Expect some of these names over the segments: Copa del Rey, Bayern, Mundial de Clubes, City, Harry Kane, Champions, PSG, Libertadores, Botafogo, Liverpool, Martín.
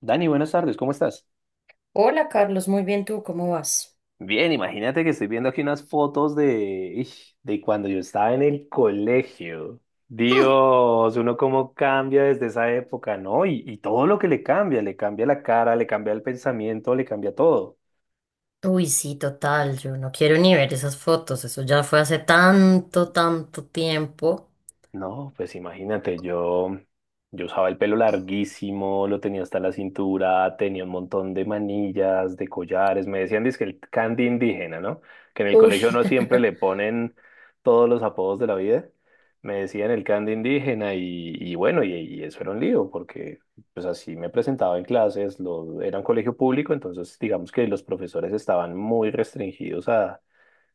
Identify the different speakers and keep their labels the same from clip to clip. Speaker 1: Dani, buenas tardes, ¿cómo estás?
Speaker 2: Hola Carlos, muy bien tú, ¿cómo vas?
Speaker 1: Bien, imagínate que estoy viendo aquí unas fotos de, ish, de cuando yo estaba en el colegio.
Speaker 2: Hmm.
Speaker 1: Dios, uno cómo cambia desde esa época, ¿no? Y todo lo que le cambia la cara, le cambia el pensamiento, le cambia todo.
Speaker 2: Uy, sí, total, yo no quiero ni ver esas fotos, eso ya fue hace tanto, tanto tiempo.
Speaker 1: No, pues imagínate, yo usaba el pelo larguísimo, lo tenía hasta la cintura, tenía un montón de manillas, de collares, me decían que el candy indígena, ¿no? Que en el
Speaker 2: Uy,
Speaker 1: colegio no siempre le ponen todos los apodos de la vida, me decían el candy indígena y bueno, y eso era un lío, porque pues así me presentaba en clases, lo, era un colegio público, entonces digamos que los profesores estaban muy restringidos a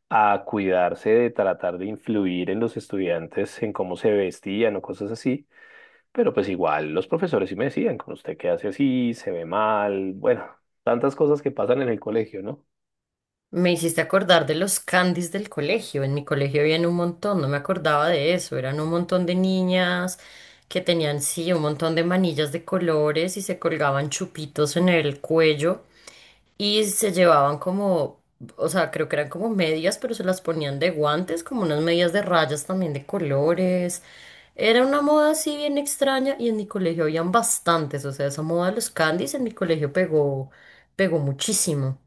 Speaker 1: cuidarse de tratar de influir en los estudiantes en cómo se vestían o cosas así, pero pues igual los profesores sí me decían, con usted qué hace así, se ve mal, bueno, tantas cosas que pasan en el colegio, ¿no?
Speaker 2: me hiciste acordar de los candies del colegio. En mi colegio habían un montón, no me acordaba de eso, eran un montón de niñas que tenían, sí, un montón de manillas de colores y se colgaban chupitos en el cuello. Y se llevaban como, o sea, creo que eran como medias, pero se las ponían de guantes, como unas medias de rayas también de colores. Era una moda así bien extraña y en mi colegio habían bastantes, o sea, esa moda de los candies en mi colegio pegó, pegó muchísimo.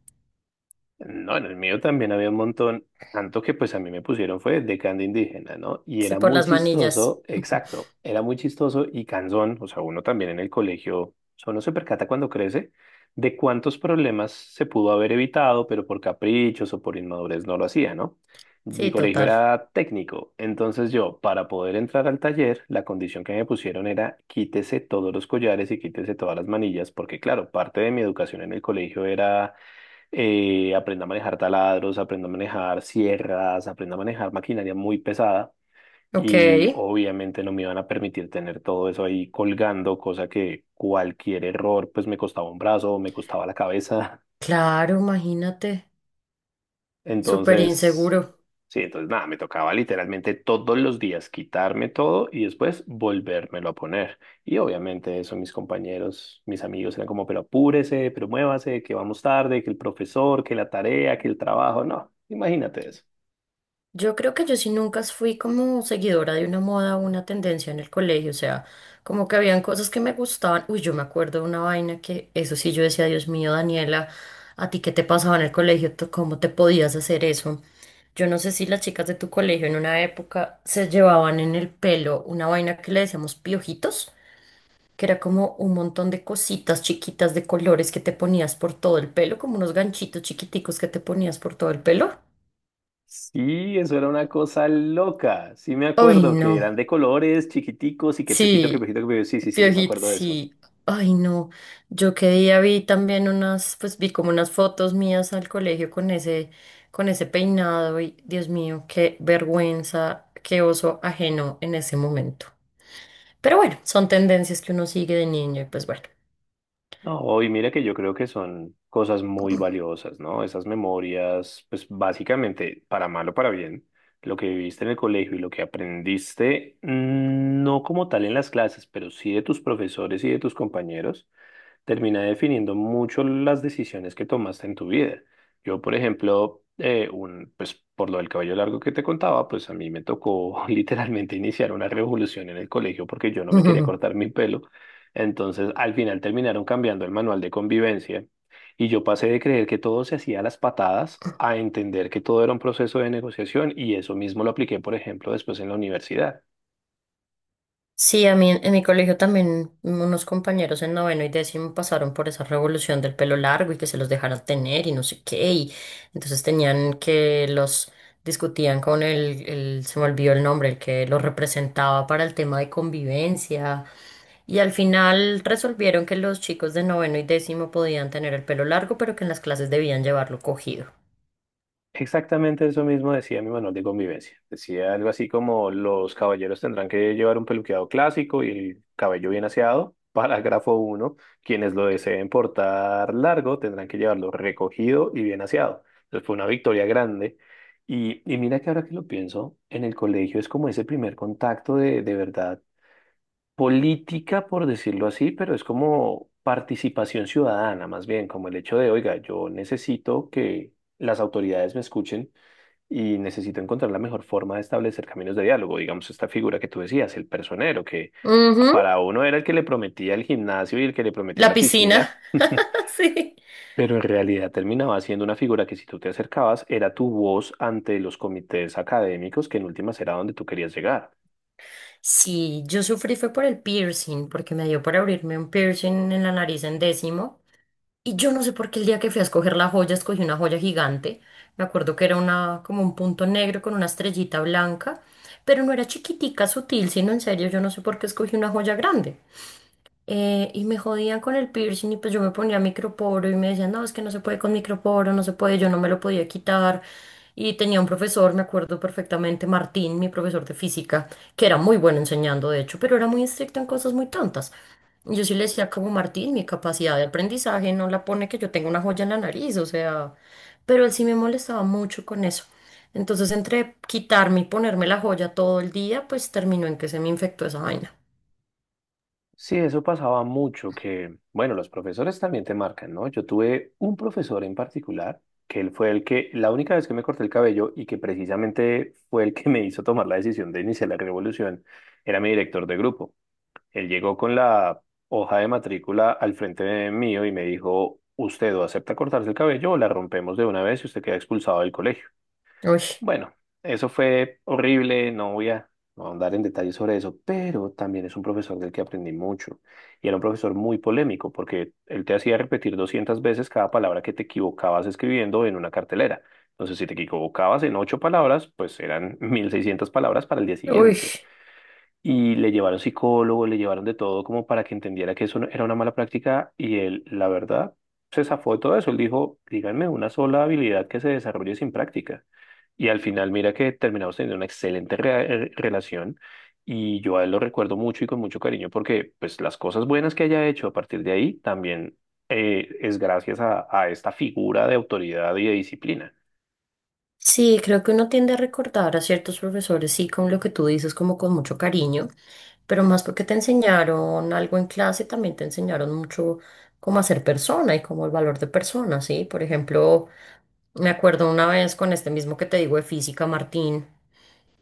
Speaker 1: No, en el mío también había un montón, tanto que pues a mí me pusieron fue de canto indígena, ¿no? Y
Speaker 2: Sí,
Speaker 1: era
Speaker 2: por
Speaker 1: muy
Speaker 2: las manillas.
Speaker 1: chistoso, exacto, era muy chistoso y cansón, o sea, uno también en el colegio, o uno se percata cuando crece de cuántos problemas se pudo haber evitado, pero por caprichos o por inmadurez no lo hacía, ¿no? Mi
Speaker 2: Sí,
Speaker 1: colegio
Speaker 2: total.
Speaker 1: era técnico, entonces yo, para poder entrar al taller, la condición que me pusieron era quítese todos los collares y quítese todas las manillas, porque claro, parte de mi educación en el colegio era aprenda a manejar taladros, aprenda a manejar sierras, aprenda a manejar maquinaria muy pesada
Speaker 2: Ok.
Speaker 1: y obviamente no me iban a permitir tener todo eso ahí colgando, cosa que cualquier error pues me costaba un brazo, me costaba la cabeza.
Speaker 2: Claro, imagínate. Súper
Speaker 1: Entonces,
Speaker 2: inseguro.
Speaker 1: sí, entonces nada, me tocaba literalmente todos los días quitarme todo y después volvérmelo a poner. Y obviamente eso mis compañeros, mis amigos eran como, pero apúrese, pero muévase, que vamos tarde, que el profesor, que la tarea, que el trabajo. No, imagínate eso.
Speaker 2: Yo creo que yo sí nunca fui como seguidora de una moda o una tendencia en el colegio, o sea, como que habían cosas que me gustaban. Uy, yo me acuerdo de una vaina que eso sí yo decía, Dios mío, Daniela, ¿a ti qué te pasaba en el colegio? ¿Tú ¿Cómo te podías hacer eso? Yo no sé si las chicas de tu colegio en una época se llevaban en el pelo una vaina que le decíamos piojitos, que era como un montón de cositas chiquitas de colores que te ponías por todo el pelo, como unos ganchitos chiquiticos que te ponías por todo el pelo.
Speaker 1: Sí, eso era una cosa loca. Sí me
Speaker 2: Uy,
Speaker 1: acuerdo que
Speaker 2: no.
Speaker 1: eran de colores chiquiticos y que piojito, que
Speaker 2: Sí,
Speaker 1: piojito, que piojito. Sí, sí, sí, yo me acuerdo de eso.
Speaker 2: Sí. Ay, no. Yo qué día vi también unas, pues vi como unas fotos mías al colegio con ese peinado y Dios mío, qué vergüenza, qué oso ajeno en ese momento. Pero bueno, son tendencias que uno sigue de niño y pues bueno.
Speaker 1: No, y mira que yo creo que son cosas muy valiosas, ¿no? Esas memorias, pues básicamente, para mal o para bien, lo que viviste en el colegio y lo que aprendiste, no como tal en las clases, pero sí de tus profesores y de tus compañeros, termina definiendo mucho las decisiones que tomaste en tu vida. Yo, por ejemplo, pues por lo del cabello largo que te contaba, pues a mí me tocó literalmente iniciar una revolución en el colegio porque yo no me quería cortar mi pelo. Entonces, al final terminaron cambiando el manual de convivencia y yo pasé de creer que todo se hacía a las patadas a entender que todo era un proceso de negociación y eso mismo lo apliqué, por ejemplo, después en la universidad.
Speaker 2: Sí, a mí en mi colegio también unos compañeros en noveno y décimo pasaron por esa revolución del pelo largo y que se los dejaran tener y no sé qué. Y entonces tenían que los discutían con se me olvidó el nombre, el que los representaba para el tema de convivencia. Y al final resolvieron que los chicos de noveno y décimo podían tener el pelo largo, pero que en las clases debían llevarlo cogido.
Speaker 1: Exactamente eso mismo decía mi manual de convivencia. Decía algo así como los caballeros tendrán que llevar un peluqueado clásico y el cabello bien aseado. Parágrafo uno: quienes lo deseen portar largo tendrán que llevarlo recogido y bien aseado. Entonces fue una victoria grande. Y mira que ahora que lo pienso, en el colegio es como ese primer contacto de verdad política, por decirlo así, pero es como participación ciudadana, más bien, como el hecho de, oiga, yo necesito que las autoridades me escuchen y necesito encontrar la mejor forma de establecer caminos de diálogo. Digamos, esta figura que tú decías, el personero, que
Speaker 2: Ujú.
Speaker 1: para uno era el que le prometía el gimnasio y el que le prometía
Speaker 2: La
Speaker 1: la
Speaker 2: piscina.
Speaker 1: piscina,
Speaker 2: Sí.
Speaker 1: pero en realidad terminaba siendo una figura que si tú te acercabas era tu voz ante los comités académicos, que en últimas era donde tú querías llegar.
Speaker 2: Sí, yo sufrí fue por el piercing, porque me dio por abrirme un piercing en la nariz en décimo. Y yo no sé por qué el día que fui a escoger la joya, escogí una joya gigante. Me acuerdo que era una, como un punto negro con una estrellita blanca, pero no era chiquitica, sutil, sino en serio, yo no sé por qué escogí una joya grande, y me jodían con el piercing y pues yo me ponía microporo y me decían, no, es que no se puede con microporo, no se puede, yo no me lo podía quitar. Y tenía un profesor, me acuerdo perfectamente, Martín, mi profesor de física, que era muy bueno enseñando, de hecho, pero era muy estricto en cosas muy tontas. Y yo sí le decía como, Martín, mi capacidad de aprendizaje no la pone que yo tenga una joya en la nariz, o sea, pero él sí me molestaba mucho con eso. Entonces, entre quitarme y ponerme la joya todo el día, pues terminó en que se me infectó esa vaina.
Speaker 1: Sí, eso pasaba mucho, que, bueno, los profesores también te marcan, ¿no? Yo tuve un profesor en particular, que él fue el que, la única vez que me corté el cabello y que precisamente fue el que me hizo tomar la decisión de iniciar la revolución, era mi director de grupo. Él llegó con la hoja de matrícula al frente de mío y me dijo, usted o acepta cortarse el cabello o la rompemos de una vez y usted queda expulsado del colegio.
Speaker 2: Uy,
Speaker 1: Bueno, eso fue horrible, no voy a no ahondar en detalles sobre eso, pero también es un profesor del que aprendí mucho. Y era un profesor muy polémico porque él te hacía repetir 200 veces cada palabra que te equivocabas escribiendo en una cartelera. Entonces, si te equivocabas en ocho palabras, pues eran 1.600 palabras para el día
Speaker 2: uy.
Speaker 1: siguiente. Y le llevaron psicólogo, le llevaron de todo como para que entendiera que eso era una mala práctica y él, la verdad, se zafó de todo eso. Él dijo, díganme una sola habilidad que se desarrolle sin práctica. Y al final, mira que terminamos teniendo una excelente relación y yo a él lo recuerdo mucho y con mucho cariño porque pues las cosas buenas que haya hecho a partir de ahí también es gracias a esta figura de autoridad y de disciplina.
Speaker 2: Sí, creo que uno tiende a recordar a ciertos profesores, sí, con lo que tú dices, como con mucho cariño, pero más porque te enseñaron algo en clase, también te enseñaron mucho cómo hacer persona y como el valor de persona, ¿sí? Por ejemplo, me acuerdo una vez con este mismo que te digo de física, Martín,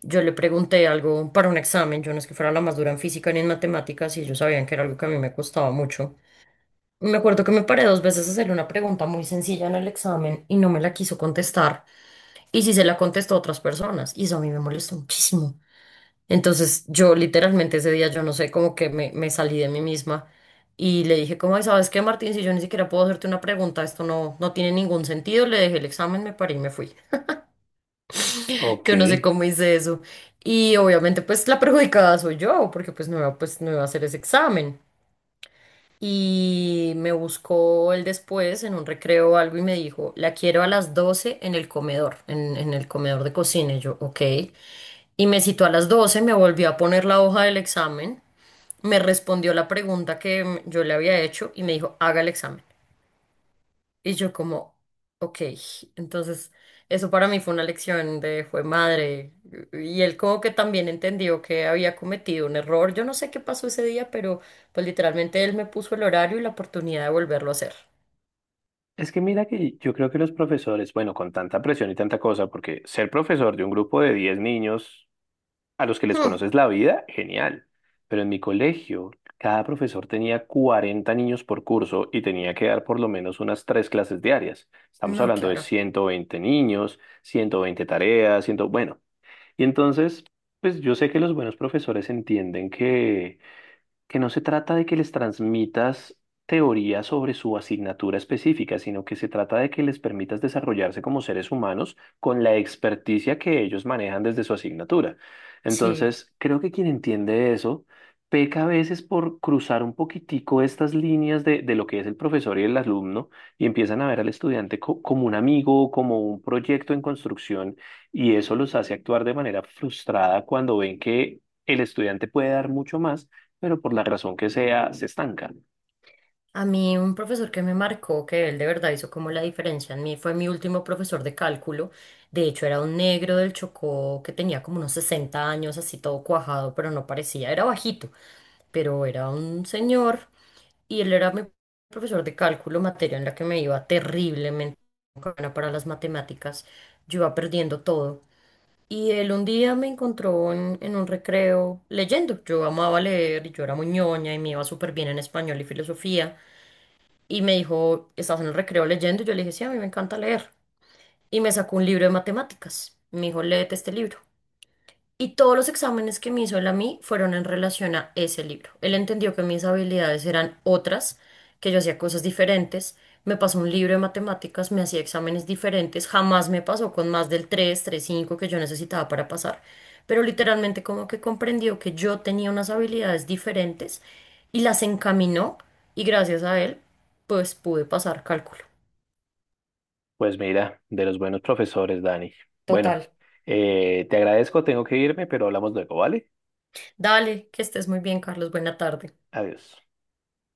Speaker 2: yo le pregunté algo para un examen. Yo no es que fuera la más dura en física ni en matemáticas y ellos sabían que era algo que a mí me costaba mucho. Me acuerdo que me paré 2 veces a hacerle una pregunta muy sencilla en el examen y no me la quiso contestar. Y sí se la contestó a otras personas. Y eso a mí me molestó muchísimo. Entonces yo literalmente ese día, yo no sé, como que me salí de mí misma y le dije, como, "Ay, ¿sabes qué, Martín? Si yo ni siquiera puedo hacerte una pregunta, esto no, no tiene ningún sentido". Le dejé el examen, me paré y me fui.
Speaker 1: Ok.
Speaker 2: Yo no sé cómo hice eso. Y obviamente pues la perjudicada soy yo, porque pues, no iba a hacer ese examen. Y me buscó él después en un recreo o algo y me dijo, la quiero a las 12 en el comedor, en el comedor de cocina. Y yo, ok. Y me citó a las 12, me volvió a poner la hoja del examen, me respondió la pregunta que yo le había hecho y me dijo, haga el examen. Y yo como, ok, entonces eso para mí fue una lección de fue madre. Y él como que también entendió que había cometido un error. Yo no sé qué pasó ese día, pero pues literalmente él me puso el horario y la oportunidad de volverlo a hacer.
Speaker 1: Es que mira que yo creo que los profesores, bueno, con tanta presión y tanta cosa, porque ser profesor de un grupo de 10 niños a los que les
Speaker 2: Hmm,
Speaker 1: conoces la vida, genial. Pero en mi colegio, cada profesor tenía 40 niños por curso y tenía que dar por lo menos unas tres clases diarias. Estamos
Speaker 2: no,
Speaker 1: hablando de
Speaker 2: claro.
Speaker 1: 120 niños, 120 tareas, 100, bueno. Entonces, pues yo sé que los buenos profesores entienden que no se trata de que les transmitas teoría sobre su asignatura específica, sino que se trata de que les permitas desarrollarse como seres humanos con la experticia que ellos manejan desde su asignatura.
Speaker 2: Sí.
Speaker 1: Entonces, creo que quien entiende eso peca a veces por cruzar un poquitico estas líneas de lo que es el profesor y el alumno y empiezan a ver al estudiante como un amigo, como un proyecto en construcción y eso los hace actuar de manera frustrada cuando ven que el estudiante puede dar mucho más pero por la razón que sea, se estanca.
Speaker 2: A mí un profesor que me marcó, que él de verdad hizo como la diferencia en mí, fue mi último profesor de cálculo. De hecho, era un negro del Chocó que tenía como unos 60 años, así todo cuajado, pero no parecía, era bajito, pero era un señor y él era mi profesor de cálculo, materia en la que me iba terriblemente. Buena para las matemáticas, yo iba perdiendo todo. Y él un día me encontró en un recreo leyendo. Yo amaba leer y yo era muy ñoña y me iba súper bien en español y filosofía y me dijo, ¿estás en el recreo leyendo? Yo le dije, sí, a mí me encanta leer. Y me sacó un libro de matemáticas. Me dijo, léete este libro. Y todos los exámenes que me hizo él a mí fueron en relación a ese libro. Él entendió que mis habilidades eran otras, que yo hacía cosas diferentes. Me pasó un libro de matemáticas, me hacía exámenes diferentes. Jamás me pasó con más del 3,35 que yo necesitaba para pasar. Pero literalmente como que comprendió que yo tenía unas habilidades diferentes y las encaminó y gracias a él pues pude pasar cálculo.
Speaker 1: Pues mira, de los buenos profesores, Dani. Bueno,
Speaker 2: Total.
Speaker 1: te agradezco, tengo que irme, pero hablamos luego, ¿vale?
Speaker 2: Dale, que estés muy bien, Carlos. Buena tarde.
Speaker 1: Adiós.